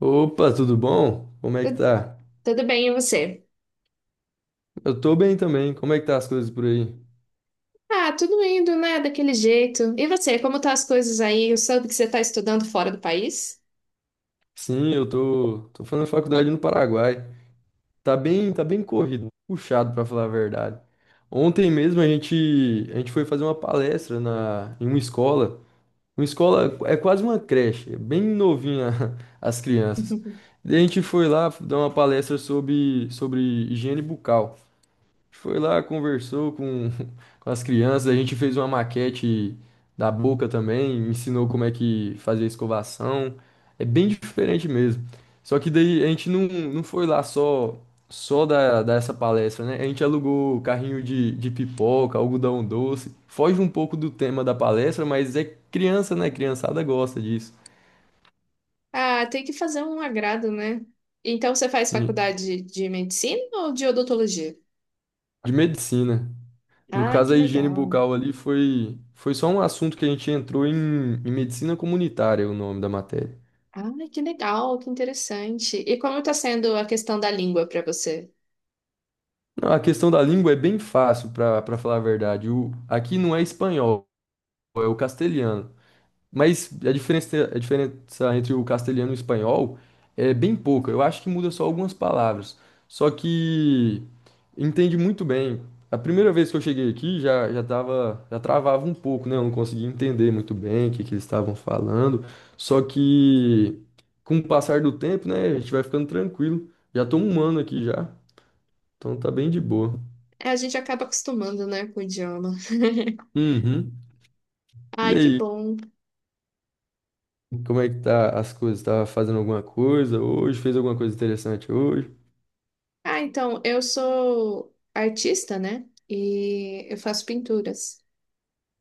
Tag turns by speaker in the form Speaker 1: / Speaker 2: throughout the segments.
Speaker 1: Opa, tudo bom? Como é que tá?
Speaker 2: Tudo bem, e você?
Speaker 1: Eu tô bem também. Como é que tá as coisas por aí?
Speaker 2: Ah, tudo indo, né? Daquele jeito. E você, como tá as coisas aí? Eu soube que você tá estudando fora do país?
Speaker 1: Sim, eu tô fazendo faculdade no Paraguai. Tá bem corrido, puxado pra falar a verdade. Ontem mesmo a gente foi fazer uma palestra em uma escola. Uma escola é quase uma creche, é bem novinha. As crianças. Daí a gente foi lá dar uma palestra sobre higiene bucal. Foi lá, conversou com, com as crianças, a gente fez uma maquete da boca também, ensinou como é que fazia a escovação. É bem diferente mesmo. Só que daí a gente não foi lá só dessa palestra, né? A gente alugou carrinho de pipoca, algodão doce. Foge um pouco do tema da palestra, mas é criança, né? Criançada gosta disso.
Speaker 2: Ah, tem que fazer um agrado, né? Então você faz
Speaker 1: De
Speaker 2: faculdade de medicina ou de odontologia?
Speaker 1: de medicina. No
Speaker 2: Ah,
Speaker 1: caso,
Speaker 2: que
Speaker 1: a higiene
Speaker 2: legal.
Speaker 1: bucal ali foi só um assunto que a gente entrou em medicina comunitária, o nome da matéria.
Speaker 2: Ah, que legal, que interessante. E como tá sendo a questão da língua para você?
Speaker 1: Não, a questão da língua é bem fácil, para falar a verdade. Aqui não é espanhol, é o castelhano. Mas a diferença entre o castelhano e o espanhol é bem pouca. Eu acho que muda só algumas palavras. Só que entende muito bem. A primeira vez que eu cheguei aqui já, já travava um pouco, né? Eu não conseguia entender muito bem o que que eles estavam falando. Só que com o passar do tempo, né, a gente vai ficando tranquilo. Já tô um ano aqui já, então tá bem de boa.
Speaker 2: É, a gente acaba acostumando, né, com o idioma.
Speaker 1: Uhum. E
Speaker 2: Ai, que
Speaker 1: aí,
Speaker 2: bom.
Speaker 1: como é que tá as coisas? Tá fazendo alguma coisa hoje? Fez alguma coisa interessante hoje?
Speaker 2: Ah, então, eu sou artista, né? E eu faço pinturas.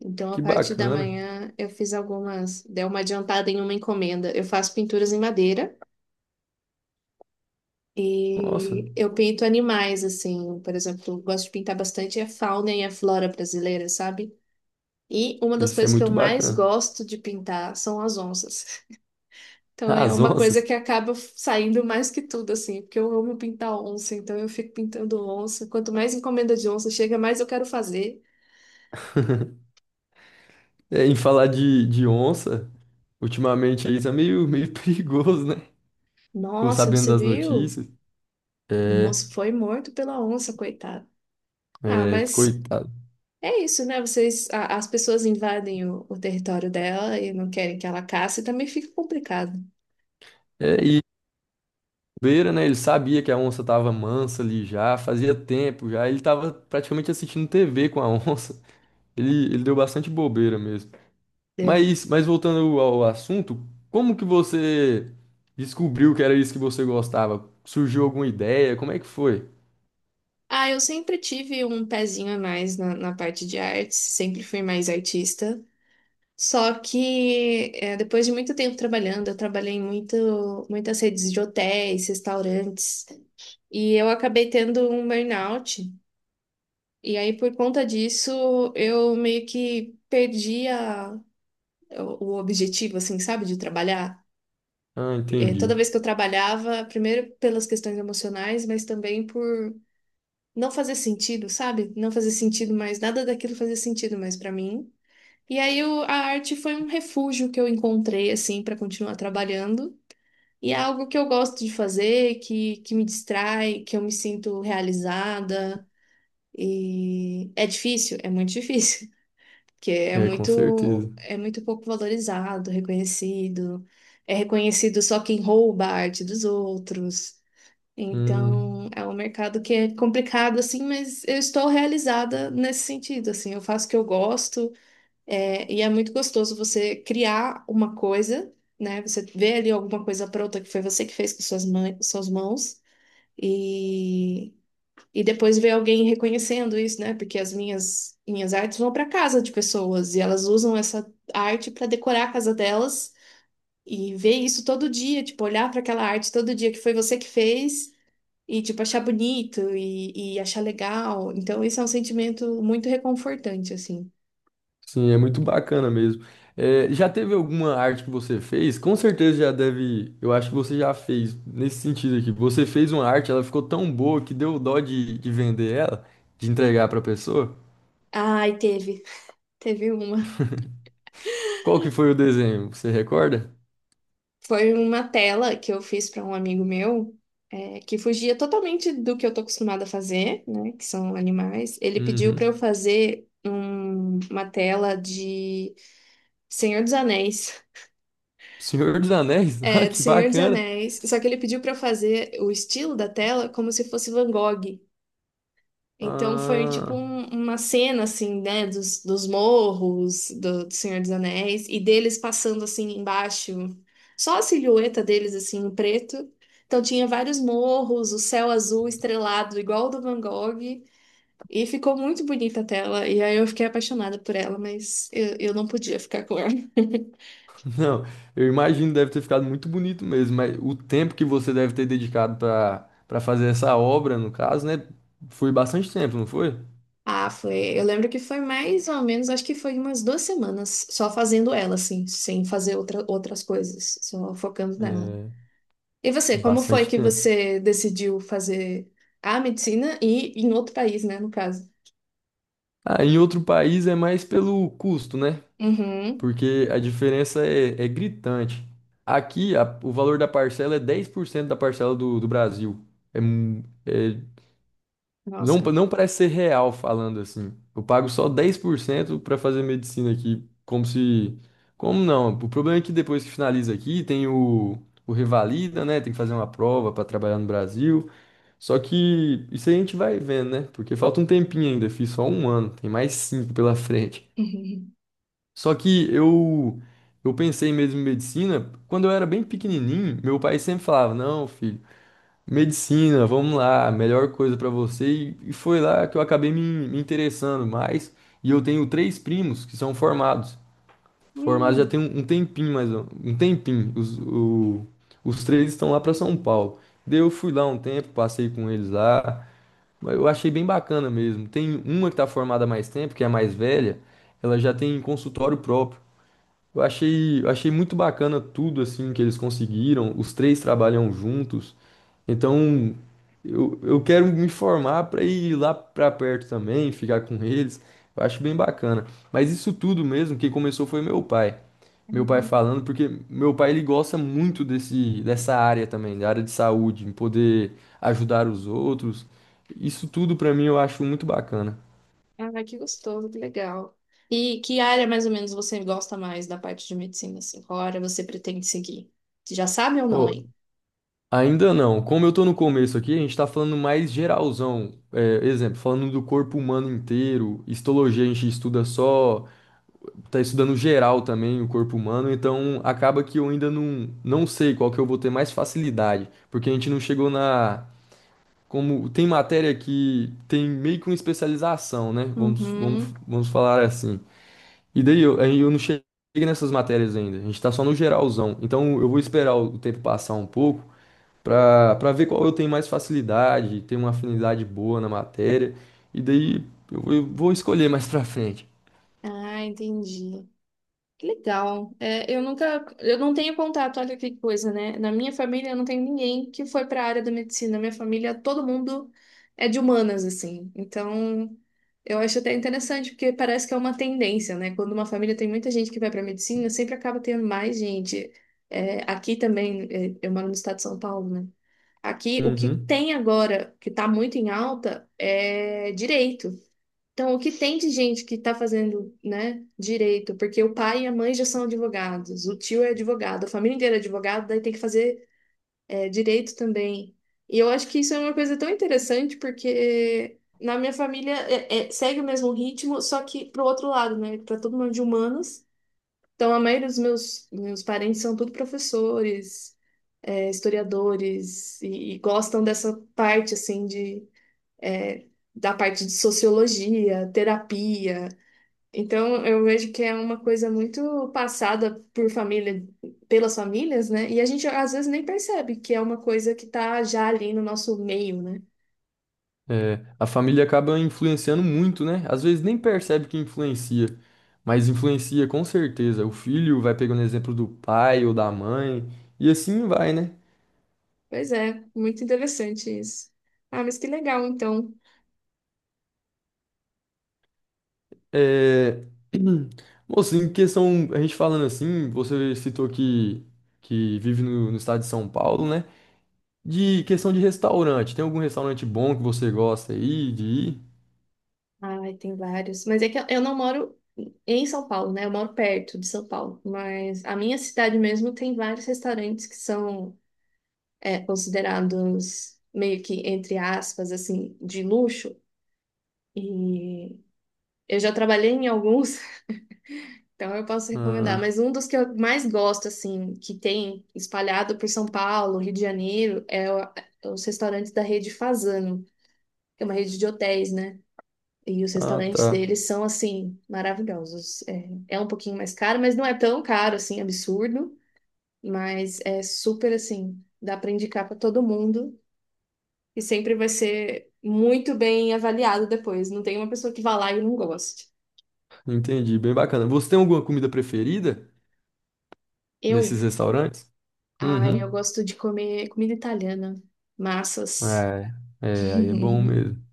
Speaker 2: Então,
Speaker 1: Que
Speaker 2: a parte da
Speaker 1: bacana.
Speaker 2: manhã, eu fiz algumas, dei uma adiantada em uma encomenda. Eu faço pinturas em madeira
Speaker 1: Nossa,
Speaker 2: e eu pinto animais, assim. Por exemplo, eu gosto de pintar bastante a fauna e a flora brasileira, sabe? E uma das
Speaker 1: isso é
Speaker 2: coisas que eu
Speaker 1: muito
Speaker 2: mais
Speaker 1: bacana.
Speaker 2: gosto de pintar são as onças. Então
Speaker 1: Ah,
Speaker 2: é
Speaker 1: as
Speaker 2: uma coisa
Speaker 1: onças.
Speaker 2: que acaba saindo mais que tudo, assim, porque eu amo pintar onça, então eu fico pintando onça. Quanto mais encomenda de onça chega, mais eu quero fazer.
Speaker 1: É, em falar de onça, ultimamente aí tá meio perigoso, né? Ficou
Speaker 2: Nossa,
Speaker 1: sabendo
Speaker 2: você
Speaker 1: das
Speaker 2: viu?
Speaker 1: notícias.
Speaker 2: O
Speaker 1: É,
Speaker 2: moço foi morto pela onça, coitado. Ah,
Speaker 1: é,
Speaker 2: mas
Speaker 1: coitado.
Speaker 2: é isso, né? Vocês, as pessoas invadem o território dela e não querem que ela caça, e também fica complicado,
Speaker 1: É, e beira, né? Ele sabia que a onça tava mansa ali já, fazia tempo já. Ele tava praticamente assistindo TV com a onça. Ele deu bastante bobeira mesmo.
Speaker 2: entendeu?
Speaker 1: Mas voltando ao assunto, como que você descobriu que era isso que você gostava? Surgiu alguma ideia? Como é que foi?
Speaker 2: Ah, eu sempre tive um pezinho a mais na parte de artes, sempre fui mais artista. Só que é, depois de muito tempo trabalhando, eu trabalhei em muitas redes de hotéis, restaurantes, e eu acabei tendo um burnout. E aí, por conta disso, eu meio que perdi o objetivo, assim, sabe, de trabalhar.
Speaker 1: Ah,
Speaker 2: É, toda
Speaker 1: entendi.
Speaker 2: vez que eu trabalhava, primeiro pelas questões emocionais, mas também por não fazer sentido, sabe? Não fazer sentido mais, nada daquilo fazia sentido mais para mim. E aí a arte foi um refúgio que eu encontrei assim para continuar trabalhando. E é algo que eu gosto de fazer, que me distrai, que eu me sinto realizada. E é difícil, é muito difícil, porque
Speaker 1: É, com certeza.
Speaker 2: é muito pouco valorizado, reconhecido. É reconhecido só quem rouba a arte dos outros.
Speaker 1: Hum,
Speaker 2: Então, é um mercado que é complicado assim, mas eu estou realizada nesse sentido, assim, eu faço o que eu gosto. É, e é muito gostoso você criar uma coisa, né? Você vê ali alguma coisa pronta que foi você que fez com suas mãos, e, e depois ver alguém reconhecendo isso, né? Porque as minhas artes vão para casa de pessoas e elas usam essa arte para decorar a casa delas e ver isso todo dia, tipo, olhar para aquela arte todo dia que foi você que fez e, tipo, achar bonito e achar legal. Então, isso é um sentimento muito reconfortante, assim.
Speaker 1: sim, é muito bacana mesmo. É, já teve alguma arte que você fez? Com certeza já deve. Eu acho que você já fez nesse sentido aqui. Você fez uma arte, ela ficou tão boa que deu dó de vender ela, de entregar para pessoa.
Speaker 2: Ai, teve. Teve uma.
Speaker 1: Qual que foi o desenho? Você recorda?
Speaker 2: Foi uma tela que eu fiz para um amigo meu, é, que fugia totalmente do que eu tô acostumada a fazer, né? Que são animais. Ele pediu para eu
Speaker 1: Uhum.
Speaker 2: fazer uma tela de Senhor dos Anéis.
Speaker 1: Senhor dos Anéis? Ah,
Speaker 2: É, de
Speaker 1: que
Speaker 2: Senhor dos
Speaker 1: bacana.
Speaker 2: Anéis. Só que ele pediu para eu fazer o estilo da tela como se fosse Van Gogh. Então foi tipo
Speaker 1: Ah,
Speaker 2: uma cena assim, né, dos morros do Senhor dos Anéis e deles passando assim embaixo, só a silhueta deles assim em preto. Então tinha vários morros, o céu azul estrelado igual o do Van Gogh e ficou muito bonita a tela e aí eu fiquei apaixonada por ela, mas eu não podia ficar com ela.
Speaker 1: não, eu imagino deve ter ficado muito bonito mesmo, mas o tempo que você deve ter dedicado para fazer essa obra, no caso, né, foi bastante tempo, não foi?
Speaker 2: Ah, foi. Eu lembro que foi mais ou menos, acho que foi umas duas semanas só fazendo ela assim, sem fazer outra, outras coisas, só focando nela.
Speaker 1: É,
Speaker 2: E você, como foi
Speaker 1: bastante
Speaker 2: que
Speaker 1: tempo.
Speaker 2: você decidiu fazer a medicina e em outro país, né, no caso?
Speaker 1: Ah, em outro país é mais pelo custo, né?
Speaker 2: Uhum.
Speaker 1: Porque a diferença é gritante. Aqui, o valor da parcela é 10% da parcela do Brasil. É. Não,
Speaker 2: Nossa.
Speaker 1: não parece ser real falando assim. Eu pago só 10% para fazer medicina aqui, como se. Como não? O problema é que depois que finaliza aqui, tem o Revalida, né? Tem que fazer uma prova para trabalhar no Brasil. Só que isso aí a gente vai vendo, né? Porque falta um tempinho ainda, fiz só um ano, tem mais cinco pela frente. Só que eu pensei mesmo em medicina, quando eu era bem pequenininho, meu pai sempre falava: Não, filho. Medicina, vamos lá, melhor coisa pra você. E foi lá que eu acabei me interessando mais. E eu tenho três primos que são formados.
Speaker 2: Uhum.
Speaker 1: Formados já tem
Speaker 2: Hum.
Speaker 1: um tempinho, um tempinho. Os três estão lá pra São Paulo. Daí eu fui lá um tempo, passei com eles lá. Mas eu achei bem bacana mesmo. Tem uma que tá formada há mais tempo, que é a mais velha. Ela já tem consultório próprio. Eu achei muito bacana tudo assim que eles conseguiram. Os três trabalham juntos. Então, eu quero me formar para ir lá para perto também, ficar com eles. Eu acho bem bacana. Mas isso tudo mesmo, quem começou foi meu pai. Meu pai falando, porque meu pai ele gosta muito dessa área também, da área de saúde, em poder ajudar os outros. Isso tudo para mim eu acho muito bacana.
Speaker 2: Ah, que gostoso, que legal. E que área mais ou menos você gosta mais da parte de medicina, assim? Qual área você pretende seguir? Você já sabe ou não
Speaker 1: Ô,
Speaker 2: aí?
Speaker 1: ainda não. Como eu tô no começo aqui, a gente tá falando mais geralzão. É, exemplo, falando do corpo humano inteiro. Histologia a gente estuda só, tá estudando geral também o corpo humano, então acaba que eu ainda não sei qual que eu vou ter mais facilidade, porque a gente não chegou na. Como tem matéria que tem meio que uma especialização, né? Vamos, vamos,
Speaker 2: Uhum.
Speaker 1: vamos falar assim. Aí eu não cheguei nessas matérias ainda. A gente tá só no geralzão. Então eu vou esperar o tempo passar um pouco para ver qual eu tenho mais facilidade, tenho uma afinidade boa na matéria, e daí eu vou escolher mais pra frente.
Speaker 2: Ah, entendi. Que legal. É, eu nunca, eu não tenho contato, olha que coisa, né? Na minha família eu não tenho ninguém que foi para a área da medicina. Na minha família, todo mundo é de humanas, assim. Então, eu acho até interessante, porque parece que é uma tendência, né? Quando uma família tem muita gente que vai para medicina, sempre acaba tendo mais gente. É, aqui também, é, eu moro no estado de São Paulo, né? Aqui, o que
Speaker 1: Uhum.
Speaker 2: tem agora, que está muito em alta, é direito. Então, o que tem de gente que está fazendo, né, direito? Porque o pai e a mãe já são advogados, o tio é advogado, a família inteira é advogada, daí tem que fazer, é, direito também. E eu acho que isso é uma coisa tão interessante, porque na minha família segue o mesmo ritmo, só que pro outro lado, né? Para todo mundo de humanas. Então, a maioria dos meus parentes são tudo professores, é, historiadores, e gostam dessa parte, assim, de. É, da parte de sociologia, terapia, então, eu vejo que é uma coisa muito passada por família, pelas famílias, né? E a gente às vezes nem percebe que é uma coisa que tá já ali no nosso meio, né?
Speaker 1: É, a família acaba influenciando muito, né? Às vezes nem percebe que influencia, mas influencia com certeza. O filho vai pegando exemplo do pai ou da mãe, e assim vai, né?
Speaker 2: Pois é, muito interessante isso. Ah, mas que legal, então.
Speaker 1: É... Moço, em questão, a gente falando assim, você citou que vive no estado de São Paulo, né? De questão de restaurante, tem algum restaurante bom que você gosta aí de ir?
Speaker 2: Ai, tem vários. Mas é que eu não moro em São Paulo, né? Eu moro perto de São Paulo. Mas a minha cidade mesmo tem vários restaurantes que são é, considerados meio que, entre aspas, assim, de luxo. E eu já trabalhei em alguns. Então eu posso recomendar,
Speaker 1: Ah,
Speaker 2: mas um dos que eu mais gosto, assim, que tem espalhado por São Paulo, Rio de Janeiro, é os restaurantes da rede Fazano, que é uma rede de hotéis, né? E os
Speaker 1: ah,
Speaker 2: restaurantes
Speaker 1: tá.
Speaker 2: deles são, assim, maravilhosos. É, é um pouquinho mais caro, mas não é tão caro, assim, absurdo. Mas é super, assim, dá para indicar para todo mundo e sempre vai ser muito bem avaliado depois. Não tem uma pessoa que vá lá e não goste.
Speaker 1: Entendi, bem bacana. Você tem alguma comida preferida nesses
Speaker 2: Eu
Speaker 1: restaurantes?
Speaker 2: Ah, eu
Speaker 1: Uhum.
Speaker 2: gosto de comer comida italiana, massas.
Speaker 1: É, é, aí é bom mesmo.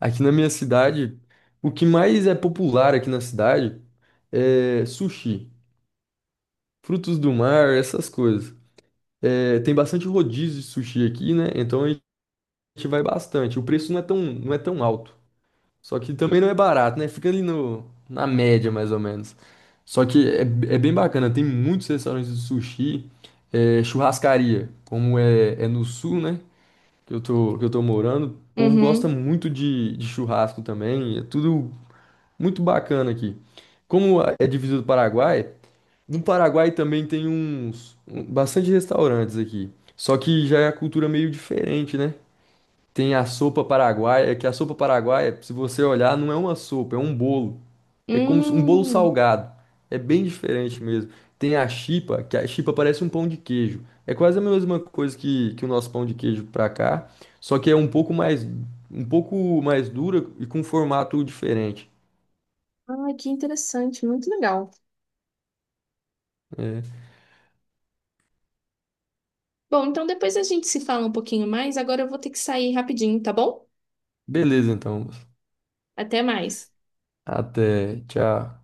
Speaker 1: Aqui na minha cidade, o que mais é popular aqui na cidade é sushi, frutos do mar, essas coisas. É, tem bastante rodízio de sushi aqui, né? Então a gente vai bastante. O preço não é tão alto. Só que também não é barato, né? Fica ali no, na média, mais ou menos. Só que é bem bacana, tem muitos restaurantes de sushi, é, churrascaria, como é no sul, né? Que eu tô morando. O povo gosta
Speaker 2: Uhum.
Speaker 1: muito de churrasco também, é tudo muito bacana aqui. Como é divisa do Paraguai, no Paraguai também tem bastante restaurantes aqui. Só que já é a cultura meio diferente, né? Tem a sopa paraguaia, é que a sopa paraguaia, se você olhar, não é uma sopa, é um bolo. É como um bolo
Speaker 2: Hum.
Speaker 1: salgado. É bem diferente mesmo. Tem a chipa, que a chipa parece um pão de queijo. É quase a mesma coisa que o nosso pão de queijo pra cá, só que é um pouco mais dura e com formato diferente.
Speaker 2: Ah, que interessante, muito legal.
Speaker 1: É.
Speaker 2: Bom, então depois a gente se fala um pouquinho mais. Agora eu vou ter que sair rapidinho, tá bom?
Speaker 1: Beleza, então.
Speaker 2: Até mais.
Speaker 1: Até, tchau.